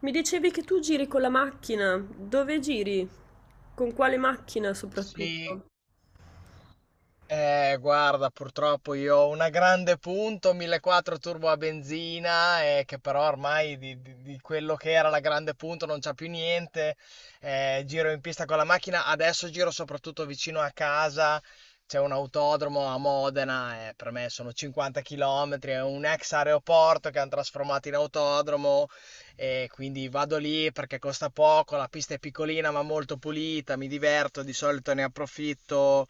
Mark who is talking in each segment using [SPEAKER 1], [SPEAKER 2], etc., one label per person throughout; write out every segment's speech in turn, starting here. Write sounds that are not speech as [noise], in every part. [SPEAKER 1] Mi dicevi che tu giri con la macchina. Dove giri? Con quale macchina
[SPEAKER 2] Sì,
[SPEAKER 1] soprattutto?
[SPEAKER 2] guarda, purtroppo io ho una grande punto 1.4 turbo a benzina, che però ormai di quello che era la grande punto non c'è più niente. Giro in pista con la macchina, adesso giro soprattutto vicino a casa. C'è un autodromo a Modena, per me sono 50 km, è un ex aeroporto che hanno trasformato in autodromo e quindi vado lì perché costa poco, la pista è piccolina ma molto pulita, mi diverto, di solito ne approfitto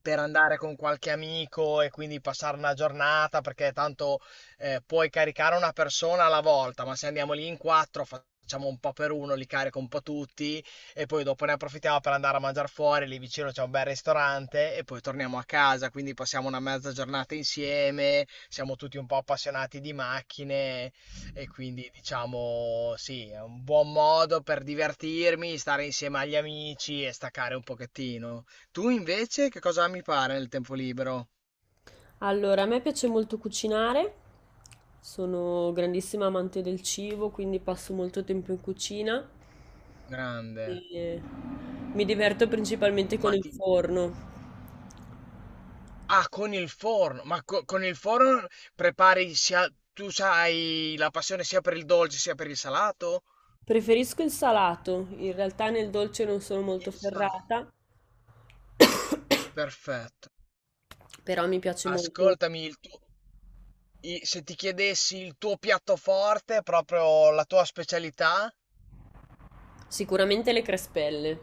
[SPEAKER 2] per andare con qualche amico e quindi passare una giornata, perché tanto puoi caricare una persona alla volta, ma se andiamo lì in quattro facciamo un po' per uno, li carico un po' tutti e poi dopo ne approfittiamo per andare a mangiare fuori, lì vicino c'è un bel ristorante e poi torniamo a casa, quindi passiamo una mezza giornata insieme, siamo tutti un po' appassionati di macchine e quindi diciamo sì, è un buon modo per divertirmi, stare insieme agli amici e staccare un pochettino. Tu invece che cosa ami fare nel tempo libero?
[SPEAKER 1] Allora, a me piace molto cucinare. Sono grandissima amante del cibo, quindi passo molto tempo in cucina
[SPEAKER 2] Grande.
[SPEAKER 1] e mi diverto principalmente con
[SPEAKER 2] Ma
[SPEAKER 1] il
[SPEAKER 2] ti.
[SPEAKER 1] forno.
[SPEAKER 2] Ah, con il forno. Ma con il forno prepari sia. Tu sai la passione sia per il dolce sia per il salato?
[SPEAKER 1] Preferisco il salato, in realtà nel dolce non sono
[SPEAKER 2] Il
[SPEAKER 1] molto
[SPEAKER 2] salato.
[SPEAKER 1] ferrata,
[SPEAKER 2] Perfetto.
[SPEAKER 1] [coughs] però mi piace molto.
[SPEAKER 2] Ascoltami, il tuo. Se ti chiedessi il tuo piatto forte, proprio la tua specialità.
[SPEAKER 1] Sicuramente le crespelle.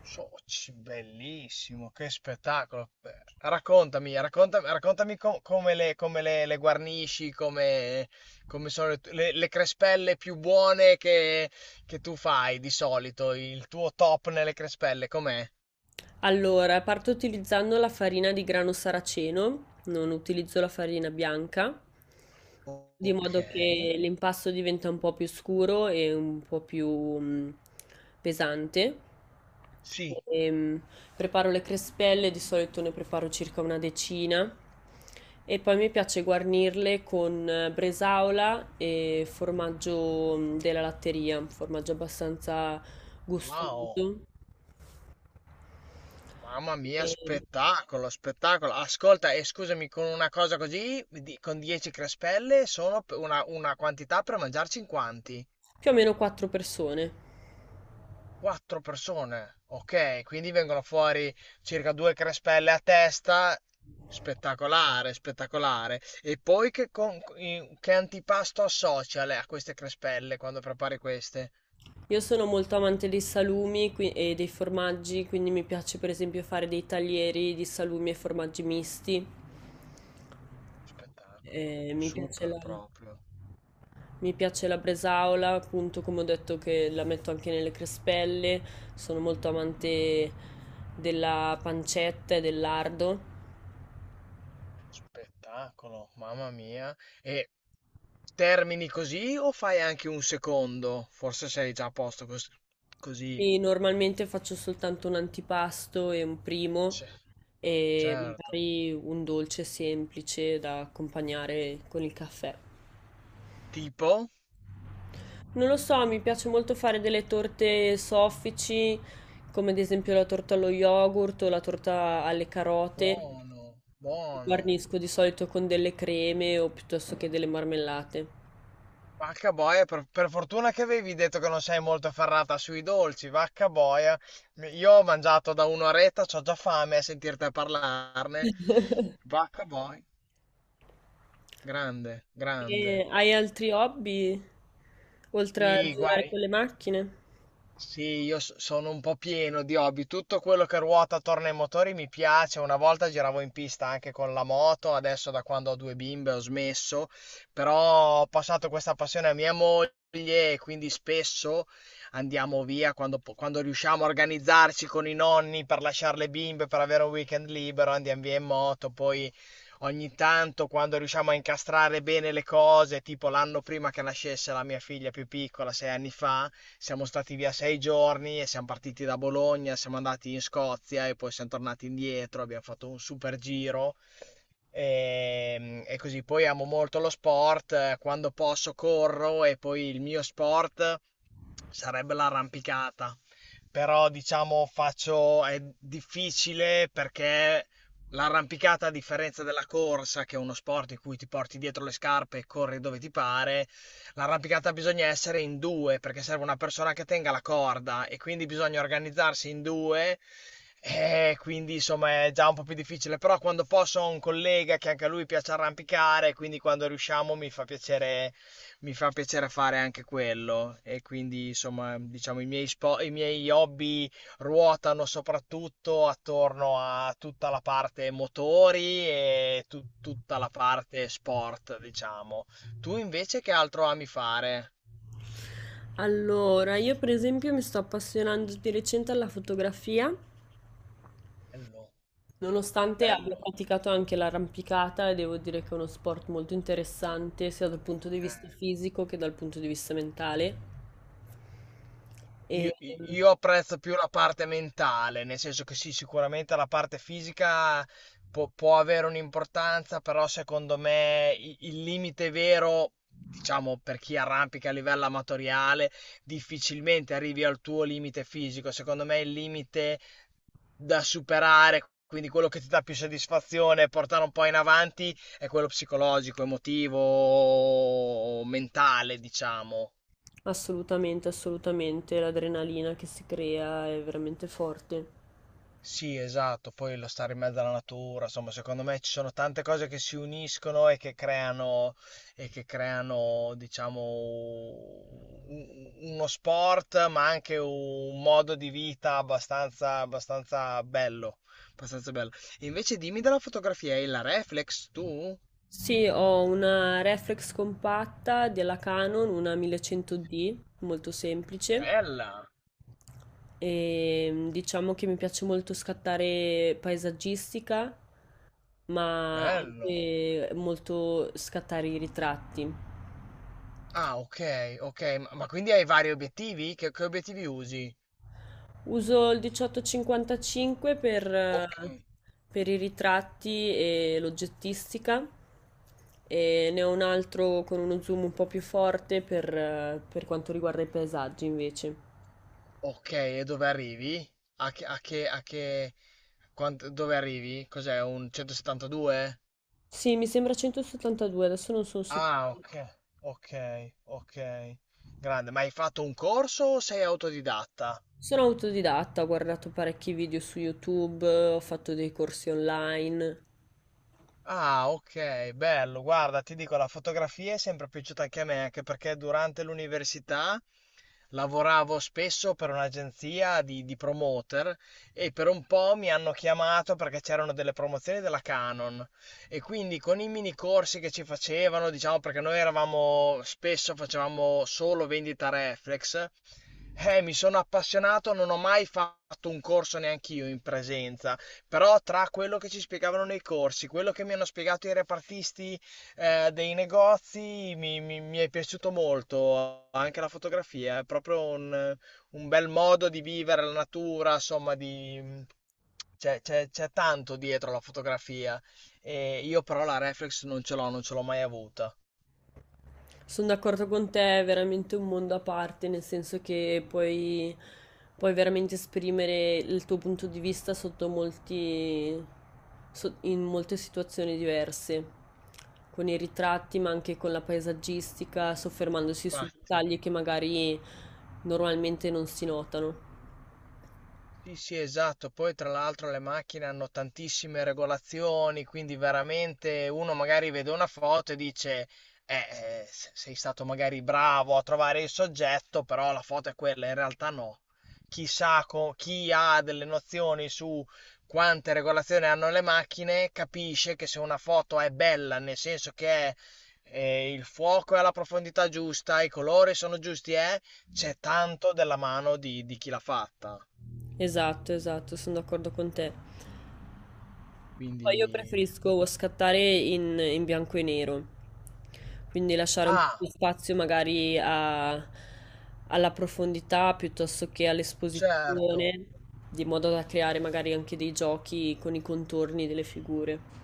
[SPEAKER 2] Soci, bellissimo, che spettacolo. Raccontami, raccontami, raccontami come le guarnisci, come, come sono le crespelle più buone che tu fai di solito, il tuo top nelle crespelle, com'è?
[SPEAKER 1] Allora, parto utilizzando la farina di grano saraceno, non utilizzo la farina bianca,
[SPEAKER 2] O-
[SPEAKER 1] di
[SPEAKER 2] Ok,
[SPEAKER 1] modo che l'impasto diventa un po' più scuro e un po' più pesante.
[SPEAKER 2] sì.
[SPEAKER 1] Ehm, preparo le crespelle, di solito ne preparo circa una decina e poi mi piace guarnirle con bresaola e formaggio della latteria, un formaggio abbastanza
[SPEAKER 2] Wow,
[SPEAKER 1] gustoso,
[SPEAKER 2] mamma mia,
[SPEAKER 1] ehm,
[SPEAKER 2] spettacolo, spettacolo. Ascolta, e scusami, con una cosa così, con 10 crespelle, sono una quantità per mangiarci in quanti?
[SPEAKER 1] più o meno 4 persone.
[SPEAKER 2] Quattro persone, ok, quindi vengono fuori circa due crespelle a testa. Spettacolare, spettacolare. E poi che antipasto associa lei a queste crespelle quando prepari queste?
[SPEAKER 1] Io sono molto amante dei salumi e dei formaggi, quindi mi piace per esempio fare dei taglieri di salumi e formaggi misti.
[SPEAKER 2] Spettacolo,
[SPEAKER 1] Eh, mi piace
[SPEAKER 2] super
[SPEAKER 1] la,
[SPEAKER 2] proprio.
[SPEAKER 1] mi piace la bresaola, appunto come ho detto che la metto anche nelle crespelle. Sono molto amante della pancetta e del lardo.
[SPEAKER 2] Spettacolo, mamma mia. E termini così o fai anche un secondo? Forse sei già a posto così.
[SPEAKER 1] E normalmente faccio soltanto un antipasto e un primo
[SPEAKER 2] Sì,
[SPEAKER 1] e
[SPEAKER 2] certo.
[SPEAKER 1] magari un dolce semplice da accompagnare con il caffè.
[SPEAKER 2] Tipo?
[SPEAKER 1] Non lo so, mi piace molto fare delle torte soffici, come ad esempio la torta allo yogurt o la torta alle carote.
[SPEAKER 2] Buono, buono.
[SPEAKER 1] Guarnisco di solito con delle creme o piuttosto che delle marmellate.
[SPEAKER 2] Vacca boia, per fortuna che avevi detto che non sei molto ferrata sui dolci, vacca boia. Io ho mangiato da un'oretta, c'ho già fame a sentirti parlarne. Vacca boia, grande, grande.
[SPEAKER 1] E hai altri hobby oltre a girare
[SPEAKER 2] I,
[SPEAKER 1] con le macchine?
[SPEAKER 2] Sì, io sono un po' pieno di hobby. Tutto quello che ruota attorno ai motori mi piace. Una volta giravo in pista anche con la moto, adesso da quando ho due bimbe ho smesso, però ho passato questa passione a mia moglie e quindi spesso andiamo via quando riusciamo a organizzarci con i nonni per lasciare le bimbe, per avere un weekend libero, andiamo via in moto, poi ogni tanto, quando riusciamo a incastrare bene le cose, tipo l'anno prima che nascesse la mia figlia più piccola, 6 anni fa, siamo stati via 6 giorni e siamo partiti da Bologna, siamo andati in Scozia e poi siamo tornati indietro, abbiamo fatto un super giro. E così poi amo molto lo sport, quando posso corro e poi il mio sport sarebbe l'arrampicata. Però diciamo faccio, è difficile perché l'arrampicata, a differenza della corsa, che è uno sport in cui ti porti dietro le scarpe e corri dove ti pare, l'arrampicata bisogna essere in due perché serve una persona che tenga la corda e quindi bisogna organizzarsi in due. E quindi insomma è già un po' più difficile, però quando posso ho un collega che anche a lui piace arrampicare, quindi quando riusciamo mi fa piacere fare anche quello. E quindi insomma, diciamo, i miei hobby ruotano soprattutto attorno a tutta la parte motori e tutta la parte sport, diciamo. Tu invece che altro ami fare?
[SPEAKER 1] Allora, io per esempio mi sto appassionando di recente alla fotografia.
[SPEAKER 2] Bello,
[SPEAKER 1] Nonostante abbia
[SPEAKER 2] bello.
[SPEAKER 1] praticato anche l'arrampicata, devo dire che è uno sport molto interessante sia dal punto di vista
[SPEAKER 2] Eh.
[SPEAKER 1] fisico che dal punto di vista mentale.
[SPEAKER 2] Io,
[SPEAKER 1] E ehm,
[SPEAKER 2] io apprezzo più la parte mentale, nel senso che sì, sicuramente la parte fisica può, può avere un'importanza, però secondo me il limite vero, diciamo per chi arrampica a livello amatoriale, difficilmente arrivi al tuo limite fisico. Secondo me il limite da superare, quindi quello che ti dà più soddisfazione e portare un po' in avanti, è quello psicologico, emotivo, mentale, diciamo.
[SPEAKER 1] assolutamente, assolutamente l'adrenalina che si crea è veramente forte.
[SPEAKER 2] Sì, esatto, poi lo stare in mezzo alla natura, insomma, secondo me ci sono tante cose che si uniscono e che creano, diciamo, uno sport, ma anche un modo di vita abbastanza, abbastanza bello, abbastanza bello. Invece dimmi della fotografia, hai la reflex tu?
[SPEAKER 1] Sì, ho una reflex compatta della Canon, una 1100D, molto semplice.
[SPEAKER 2] Bella,
[SPEAKER 1] E diciamo che mi piace molto scattare paesaggistica, ma
[SPEAKER 2] bello.
[SPEAKER 1] anche molto scattare i ritratti.
[SPEAKER 2] Ah, ok, ok, ma quindi hai vari obiettivi? Che obiettivi usi?
[SPEAKER 1] Uso il 1855 per, eh,
[SPEAKER 2] Ok.
[SPEAKER 1] per i ritratti e l'oggettistica e ne ho un altro con uno zoom un po' più forte per quanto riguarda i paesaggi invece.
[SPEAKER 2] Ok, e dove arrivi? A che, a che, a che, dove arrivi? Cos'è, un 172?
[SPEAKER 1] Sì, mi sembra 172, adesso non sono sicura.
[SPEAKER 2] Ah, ok, ok, ok. Grande, ma hai fatto un corso o sei autodidatta?
[SPEAKER 1] Sono autodidatta, ho guardato parecchi video su YouTube, ho fatto dei corsi online.
[SPEAKER 2] Ah, ok, bello. Guarda, ti dico, la fotografia è sempre piaciuta anche a me, anche perché durante l'università lavoravo spesso per un'agenzia di promoter e per un po' mi hanno chiamato perché c'erano delle promozioni della Canon e quindi con i mini corsi che ci facevano, diciamo perché noi eravamo spesso facevamo solo vendita reflex, mi sono appassionato, non ho mai fatto un corso neanch'io in presenza però tra quello che ci spiegavano nei corsi, quello che mi hanno spiegato i repartisti dei negozi, mi è piaciuto molto. Anche la fotografia è proprio un bel modo di vivere la natura, insomma, c'è tanto dietro la fotografia. E io però la reflex non ce l'ho, non ce l'ho mai avuta.
[SPEAKER 1] Sono d'accordo con te, è veramente un mondo a parte, nel senso che puoi, puoi veramente esprimere il tuo punto di vista sotto molti, in molte situazioni diverse, con i ritratti, ma anche con la paesaggistica, soffermandosi su
[SPEAKER 2] Infatti.
[SPEAKER 1] dettagli che magari normalmente non si notano.
[SPEAKER 2] Sì, sì, esatto. Poi tra l'altro le macchine hanno tantissime regolazioni, quindi veramente uno magari vede una foto e dice, sei stato magari bravo a trovare il soggetto, però la foto è quella, in realtà no. Chissà chi ha delle nozioni su quante regolazioni hanno le macchine, capisce che se una foto è bella, nel senso che è, il fuoco è alla profondità giusta, i colori sono giusti, c'è tanto della mano di chi l'ha fatta.
[SPEAKER 1] Esatto, esatto, sono d'accordo con te. Poi io
[SPEAKER 2] Quindi,
[SPEAKER 1] preferisco scattare in, in bianco e nero, quindi lasciare un po'
[SPEAKER 2] ah,
[SPEAKER 1] di spazio magari alla profondità piuttosto che
[SPEAKER 2] certo,
[SPEAKER 1] all'esposizione, di modo da creare magari anche dei giochi con i contorni delle figure.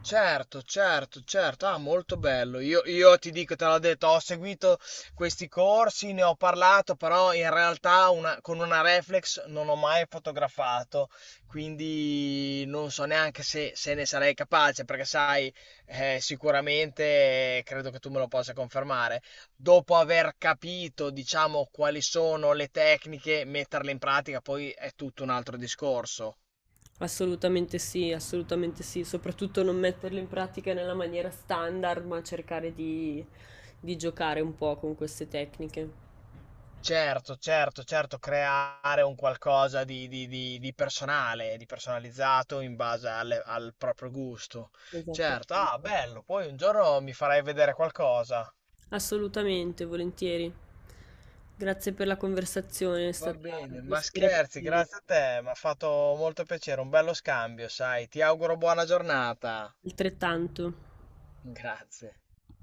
[SPEAKER 2] certo, certo, certo, ah, molto bello. Io ti dico, te l'ho detto, ho seguito questi corsi, ne ho parlato, però in realtà con una reflex non ho mai fotografato, quindi non so neanche se ne sarei capace, perché sai, sicuramente credo che tu me lo possa confermare. Dopo aver capito, diciamo, quali sono le tecniche, metterle in pratica, poi è tutto un altro discorso.
[SPEAKER 1] Assolutamente sì, soprattutto non metterlo in pratica nella maniera standard, ma cercare di, giocare un po' con queste tecniche.
[SPEAKER 2] Certo, certo, certo, creare un qualcosa di personale, di personalizzato in base al proprio gusto. Certo, ah,
[SPEAKER 1] Esattamente.
[SPEAKER 2] bello, poi un giorno mi farai vedere qualcosa.
[SPEAKER 1] Assolutamente, volentieri. Grazie per la conversazione, è
[SPEAKER 2] Va
[SPEAKER 1] stata
[SPEAKER 2] bene, ma
[SPEAKER 1] ispirativa,
[SPEAKER 2] scherzi, grazie a te, mi ha fatto molto piacere, un bello scambio, sai. Ti auguro buona giornata.
[SPEAKER 1] altrettanto.
[SPEAKER 2] Grazie.